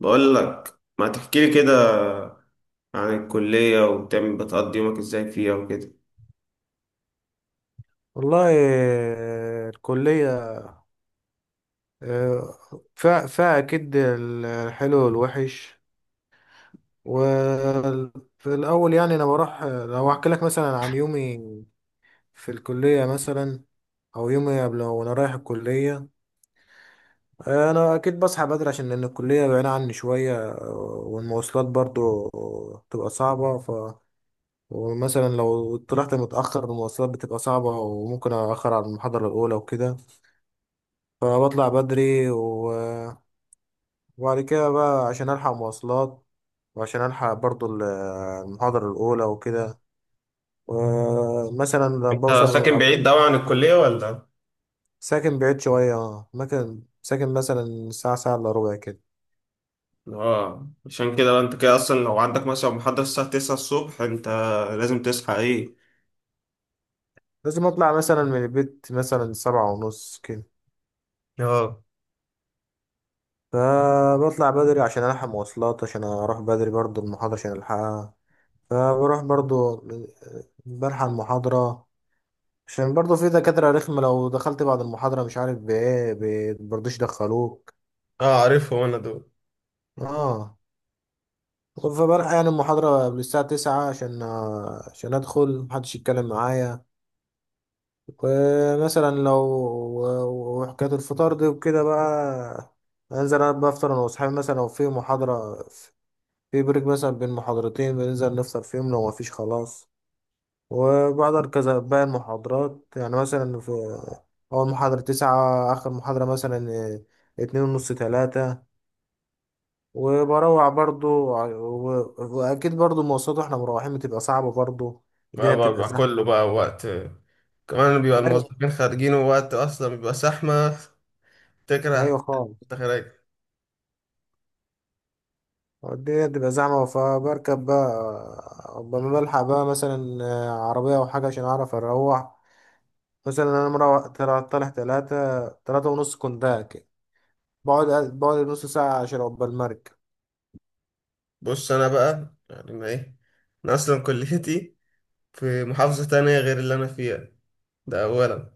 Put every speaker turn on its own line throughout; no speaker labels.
بقول لك ما تحكي لي كده عن الكلية وبتعمل بتقضي يومك ازاي فيها وكده.
والله، الكلية. آه، فيها أكيد الحلو والوحش. وفي الأول، يعني أنا بروح. لو أحكي لك مثلا عن يومي في الكلية مثلا، أو يومي قبل وأنا رايح الكلية. أنا أكيد بصحى بدري عشان لأن الكلية بعيدة عني شوية. والمواصلات برضو بتبقى صعبة. ومثلا لو طلعت متأخر المواصلات بتبقى صعبة، وممكن أأخر على المحاضرة الأولى وكده. فبطلع بدري وبعد كده بقى عشان ألحق مواصلات، وعشان ألحق برضو المحاضرة الأولى وكده. ومثلا
انت
بوصل
ساكن بعيد قوي عن الكلية ولا؟
ساكن بعيد شوية. ممكن ساكن مثلا ساعة، ساعة إلا ربع كده.
اه، عشان كده بقى انت كده اصلا لو عندك مثلا محاضرة الساعة 9 الصبح انت لازم تصحى ايه؟
لازم أطلع مثلا من البيت مثلا 7:30 كده.
اه.
فبطلع بدري عشان ألحق مواصلات، عشان أروح بدري برضو المحاضرة عشان ألحقها. فبروح برضو، بلحق المحاضرة، عشان برضو في دكاترة رخمة، لو دخلت بعد المحاضرة مش عارف بإيه برضوش يدخلوك.
اه، عارفهم انا دول.
اه. فبلحق يعني المحاضرة قبل الساعة 9، عشان أدخل محدش يتكلم معايا. ومثلا وحكاية الفطار دي وكده بقى، أنزل أنا بفطر، أنا وأصحابي، مثلا لو في محاضرة، في بريك مثلا بين محاضرتين بننزل نفطر فيهم. لو مفيش خلاص. وبحضر كذا باقي المحاضرات يعني. مثلا في أول محاضرة 9، آخر محاضرة مثلا 2:30 3. وبروح برضو، واكيد برضو المواصلات واحنا مروحين بتبقى صعبة برضو.
بقى,
الدنيا
بقى,
بتبقى
بقى كله
زحمة.
بقى وقت، كمان بيبقى
ايوه.
الموظفين خارجين، ووقت اصلا بيبقى زحمه. تكره.
ايوه خالص.
انت خارج.
الدنيا بتبقى زحمة. فبركب بقى لما بلحق بقى مثلا عربية او حاجة عشان اعرف اروح. مثلا انا مروح طالع تلاتة تلاتة ونص كنت كده. بقعد بقعد نص ساعة عشان عقبال المركب.
بص انا بقى، يعني انا ايه، انا اصلا كليتي في محافظة تانية غير اللي أنا فيها، ده أولا.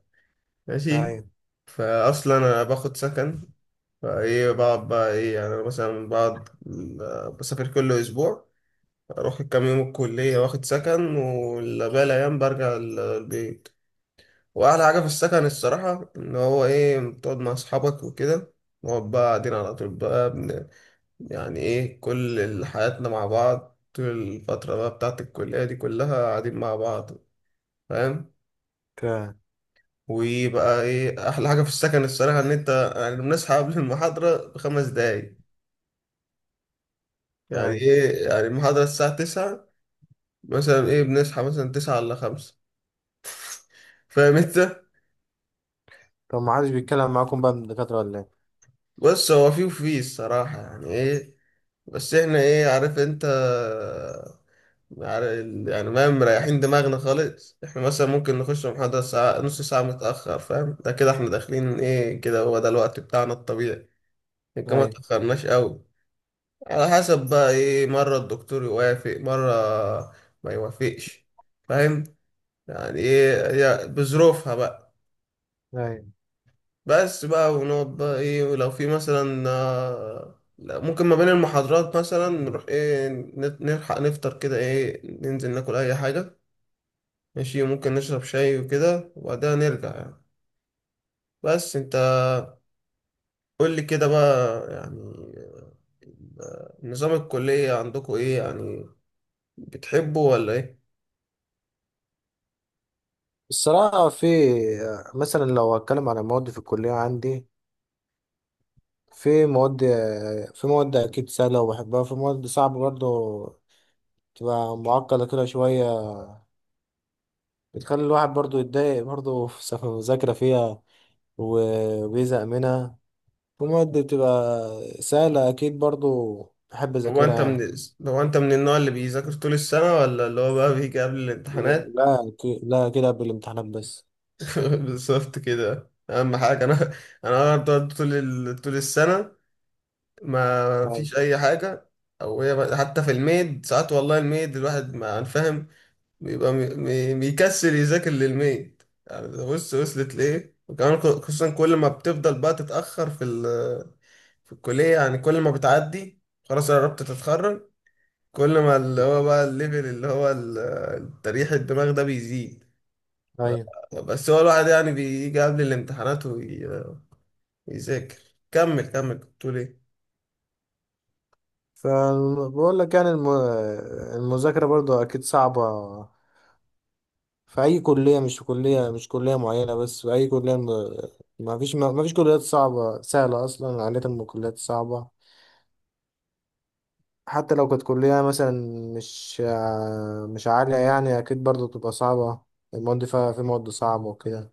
ماشي.
ايوه.
فأصلا أنا باخد سكن. فإيه بقعد بقى إيه، يعني أنا مثلا بقعد، بسافر كل أسبوع. أروح الكام يوم الكلية واخد سكن والباقي الأيام برجع البيت. وأحلى حاجة في السكن الصراحة إن هو إيه بتقعد مع أصحابك وكده. نقعد بقى قاعدين على طول بقى يعني إيه، كل حياتنا مع بعض طول الفترة بقى بتاعت الكلية دي كلها قاعدين مع بعض. فاهم.
ك-
ويبقى ايه احلى حاجه في السكن الصراحه، ان انت يعني بنصحى قبل المحاضره بخمس دقايق. يعني
ايوه.
ايه، يعني المحاضره الساعه 9، مثلا ايه بنصحى مثلا 9 الا 5. فاهم انت.
طب ما حدش بيتكلم معاكم بقى من الدكاترة ولا ايه؟
بص هو فيه وفيه الصراحه، يعني ايه، بس احنا ايه، عارف انت، يعني ما مريحين دماغنا خالص، احنا مثلا ممكن نخش محاضرة ساعة نص ساعة متأخر، فاهم، ده كده احنا داخلين ايه كده، هو ده الوقت بتاعنا الطبيعي. لكن ما
ايوه.
تأخرناش قوي. على حسب بقى ايه، مرة الدكتور يوافق مرة ما يوافقش. فاهم. يعني ايه، هي بظروفها بقى.
ايوه.
بس بقى ونقعد بقى ايه، ولو في مثلا، لا، ممكن ما بين المحاضرات مثلا نروح ايه نلحق نفطر كده، ايه ننزل ناكل اي حاجة. ماشي، ممكن نشرب شاي وكده وبعدها نرجع يعني. بس انت قول لي كده بقى، يعني نظام الكلية عندكم ايه يعني؟ بتحبه ولا ايه؟
الصراحة، في، مثلا لو هتكلم على مواد في الكلية عندي، في مواد في مواد أكيد سهلة وبحبها، في مواد صعبة برضه، تبقى معقدة كده شوية، بتخلي الواحد برضه يتضايق برضه في المذاكرة فيها، وبيزهق منها. في مواد بتبقى سهلة أكيد برضه بحب
هو
أذاكرها
انت
يعني.
من هو انت من النوع اللي بيذاكر طول السنة ولا اللي هو بقى بيجي قبل الامتحانات؟
لا، لا، كده قبل الامتحانات بس.
بالظبط كده، اهم حاجة انا. انا بقعد طول طول السنة، ما
أيوة.
فيش اي حاجة. او هي حتى في الميد ساعات، والله الميد الواحد ما فاهم، بيبقى بيكسل يذاكر للميد، يعني ده بص وصلت لإيه، وكمان خصوصا كل ما بتفضل بقى تتأخر في في الكلية يعني، كل ما بتعدي خلاص قربت تتخرج، كل ما اللي هو بقى الليفل اللي هو تريح الدماغ ده بيزيد.
أيوة.
بس هو الواحد يعني بيجي قبل الامتحانات ويذاكر. كمل كمل، كنت بتقول ايه؟
فبقول لك يعني المذاكرة برضه أكيد صعبة في أي كلية، مش في كلية، مش كلية معينة، بس في أي كلية، ما فيش كليات صعبة سهلة أصلا، عادة الكليات صعبة. حتى لو كانت كلية مثلا مش عالية يعني، أكيد برضه بتبقى صعبة، المواد فيها في مواد صعبة وكده.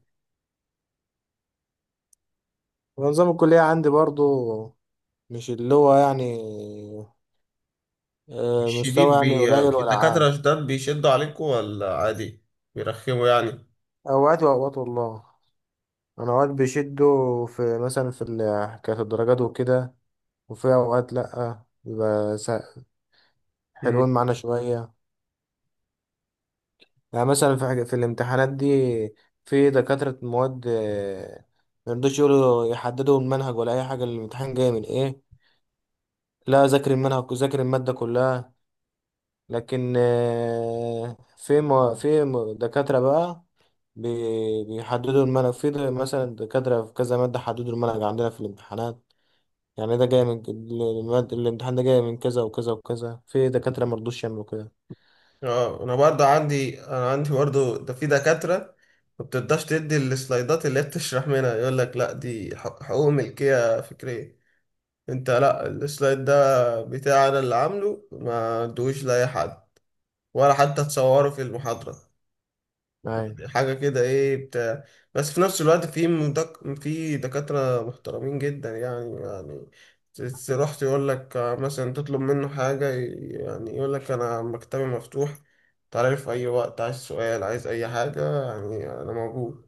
ونظام الكلية عندي برضه مش اللي هو يعني، مستوى
الشديد
يعني قليل ولا
الدكاترة
عالي.
شداد، بيشدوا عليكم ولا عادي؟ بيرخموا يعني.
أوقات وأوقات والله. أنا أوقات بيشدوا في، مثلا في حكاية الدرجات وكده، وفي أوقات لأ، بيبقى سهل،
مم.
حلوين معانا شوية. يعني مثلا في حاجة في الامتحانات دي، في دكاترة مواد ميرضوش يقولوا، يحددوا المنهج ولا أي حاجة الامتحان جاي من إيه. لا، ذاكر المنهج، ذاكر المادة كلها. لكن، دكاترة بقى بيحددوا المنهج في مثلا دكاترة في كذا مادة حددوا المنهج عندنا في الامتحانات. يعني ده جاي من المادة. الامتحان ده جاي من كذا وكذا وكذا. في دكاترة مرضوش يعملوا كده.
اه، انا عندي برضه ده في دكاترة ما بترضاش تدي السلايدات اللي هي بتشرح منها، يقول لك لا دي حقوق ملكية فكرية. انت لا، السلايد ده بتاعي انا اللي عامله، ما ادوش لاي حد ولا حتى تصوروا في المحاضرة.
أيوة.
يعني حاجة كده ايه بتاع. بس في نفس الوقت في في دكاترة محترمين جدا، يعني تروح تقول لك مثلا، تطلب منه حاجة يعني يقول لك أنا مكتبي مفتوح، تعالى لي في أي وقت، عايز سؤال عايز أي حاجة يعني أنا موجود.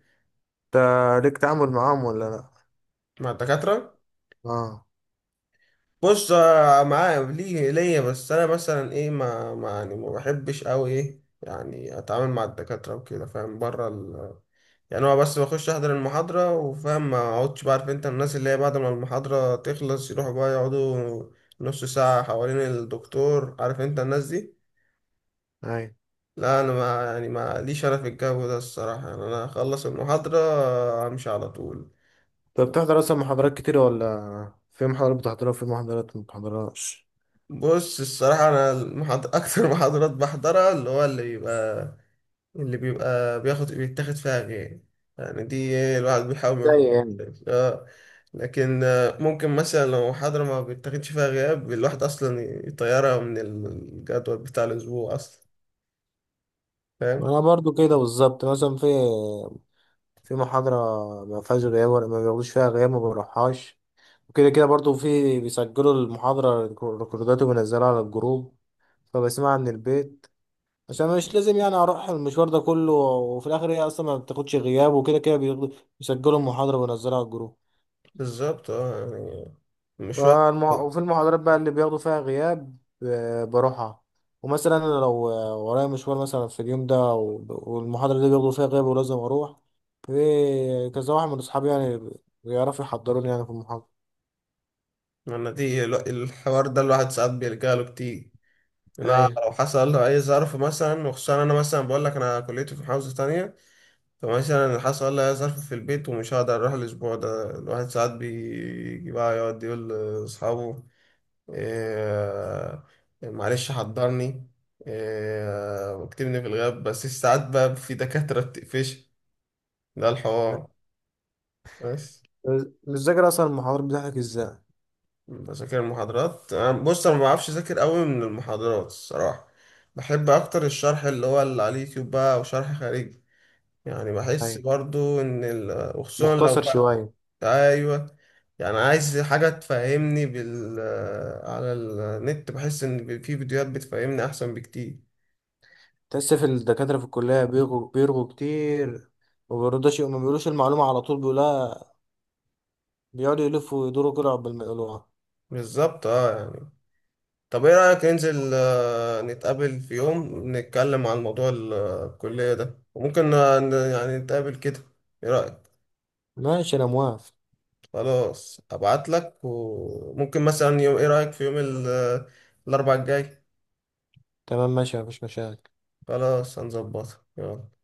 انت ليك تعامل معاهم ولا لأ؟
مع الدكاترة؟
اه.
بص معايا ليه ليا بس، أنا مثلا ايه ما يعني ما بحبش أوي ايه، يعني أتعامل مع الدكاترة وكده فاهم بره، يعني هو بس بخش احضر المحاضرة وفاهم، ما اقعدش بقى، عارف انت الناس اللي هي بعد ما المحاضرة تخلص يروحوا بقى يقعدوا نص ساعة حوالين الدكتور، عارف انت الناس دي.
اي.
لا، انا ما يعني ما ليش انا في الجو ده الصراحة، يعني انا اخلص المحاضرة امشي على طول.
طب بتحضر اصلا محاضرات كتير، ولا في محاضرات بتحضرها وفي محاضرات ما بتحضرهاش؟
بص الصراحة انا المحاضرة اكتر محاضرات بحضرها اللي هو اللي بيبقى، اللي بيبقى بيتاخد فيها غير، يعني دي الواحد بيحاول ما
زي يعني.
يفكرش. اه. لكن ممكن مثلا لو محاضرة ما بيتاخدش فيها غياب، الواحد أصلا يطيرها من الجدول بتاع الأسبوع أصلا، فاهم.
انا برضو كده بالظبط. مثلا في محاضره ما فيهاش غياب، ولا ما بياخدوش فيها غياب، ما بروحهاش. وكده كده برضو في بيسجلوا المحاضره ريكوردات، وبينزلوها على الجروب. فبسمعها من البيت عشان مش لازم يعني اروح المشوار ده كله، وفي الاخر هي اصلا ما بتاخدش غياب. وكده كده بيسجلوا المحاضره وينزلوها على الجروب.
بالظبط اه يعني، مش واحد.
وفي المحاضرات بقى اللي بياخدوا فيها غياب، بروحها. ومثلا انا لو ورايا مشوار مثلا في اليوم ده والمحاضرة دي بياخدوا فيها غياب ولازم اروح، في كذا واحد من اصحابي يعني بيعرفوا يحضروني يعني في المحاضرة.
أنا دي الحوار ده الواحد ساعات بيلجأ له كتير. أنا
ايوه.
لو حصل له أي ظرف مثلا، وخصوصا أنا مثلا بقول لك أنا كليتي في محافظة تانية، طب مثلا اللي حصل لي ظرف في البيت ومش هقدر اروح الاسبوع ده، الواحد ساعات بيجي بقى يقعد يقول لاصحابه إيه، معلش حضرني إيه، واكتبني في الغياب. بس ساعات بقى في دكاترة بتقفش ده الحوار. بس.
مش ذاكر اصلا المحاضرات بتاعتك ازاي؟
بذاكر المحاضرات أنا- بص انا ما بعرفش اذاكر قوي من المحاضرات الصراحة، بحب اكتر الشرح اللي هو اللي على اليوتيوب بقى وشرح خارجي. يعني بحس
ايوه.
برضو ان وخصوصا لو
مختصر
بقى
شوية.
ايوه، يعني عايز حاجه تفهمني بال على النت، بحس ان في فيديوهات بتفهمني احسن بكتير.
تحس في الدكاترة في الكلية بيرغوا بيرغوا كتير، ومبيرضوش، ما بيقولوش المعلومة على طول، بيقولها بيقعدوا يلفوا ويدوروا كده قبل ما يقولوها.
بالظبط اه يعني. طب ايه رايك ننزل نتقابل في يوم نتكلم عن موضوع الكليه ده، وممكن يعني نتقابل كده، ايه رايك؟
ماشي، انا موافق.
خلاص ابعت لك، وممكن مثلا يوم، ايه رايك في يوم الاربعاء الجاي؟
تمام، ماشي، مفيش مشاكل.
خلاص هنظبطها يلا.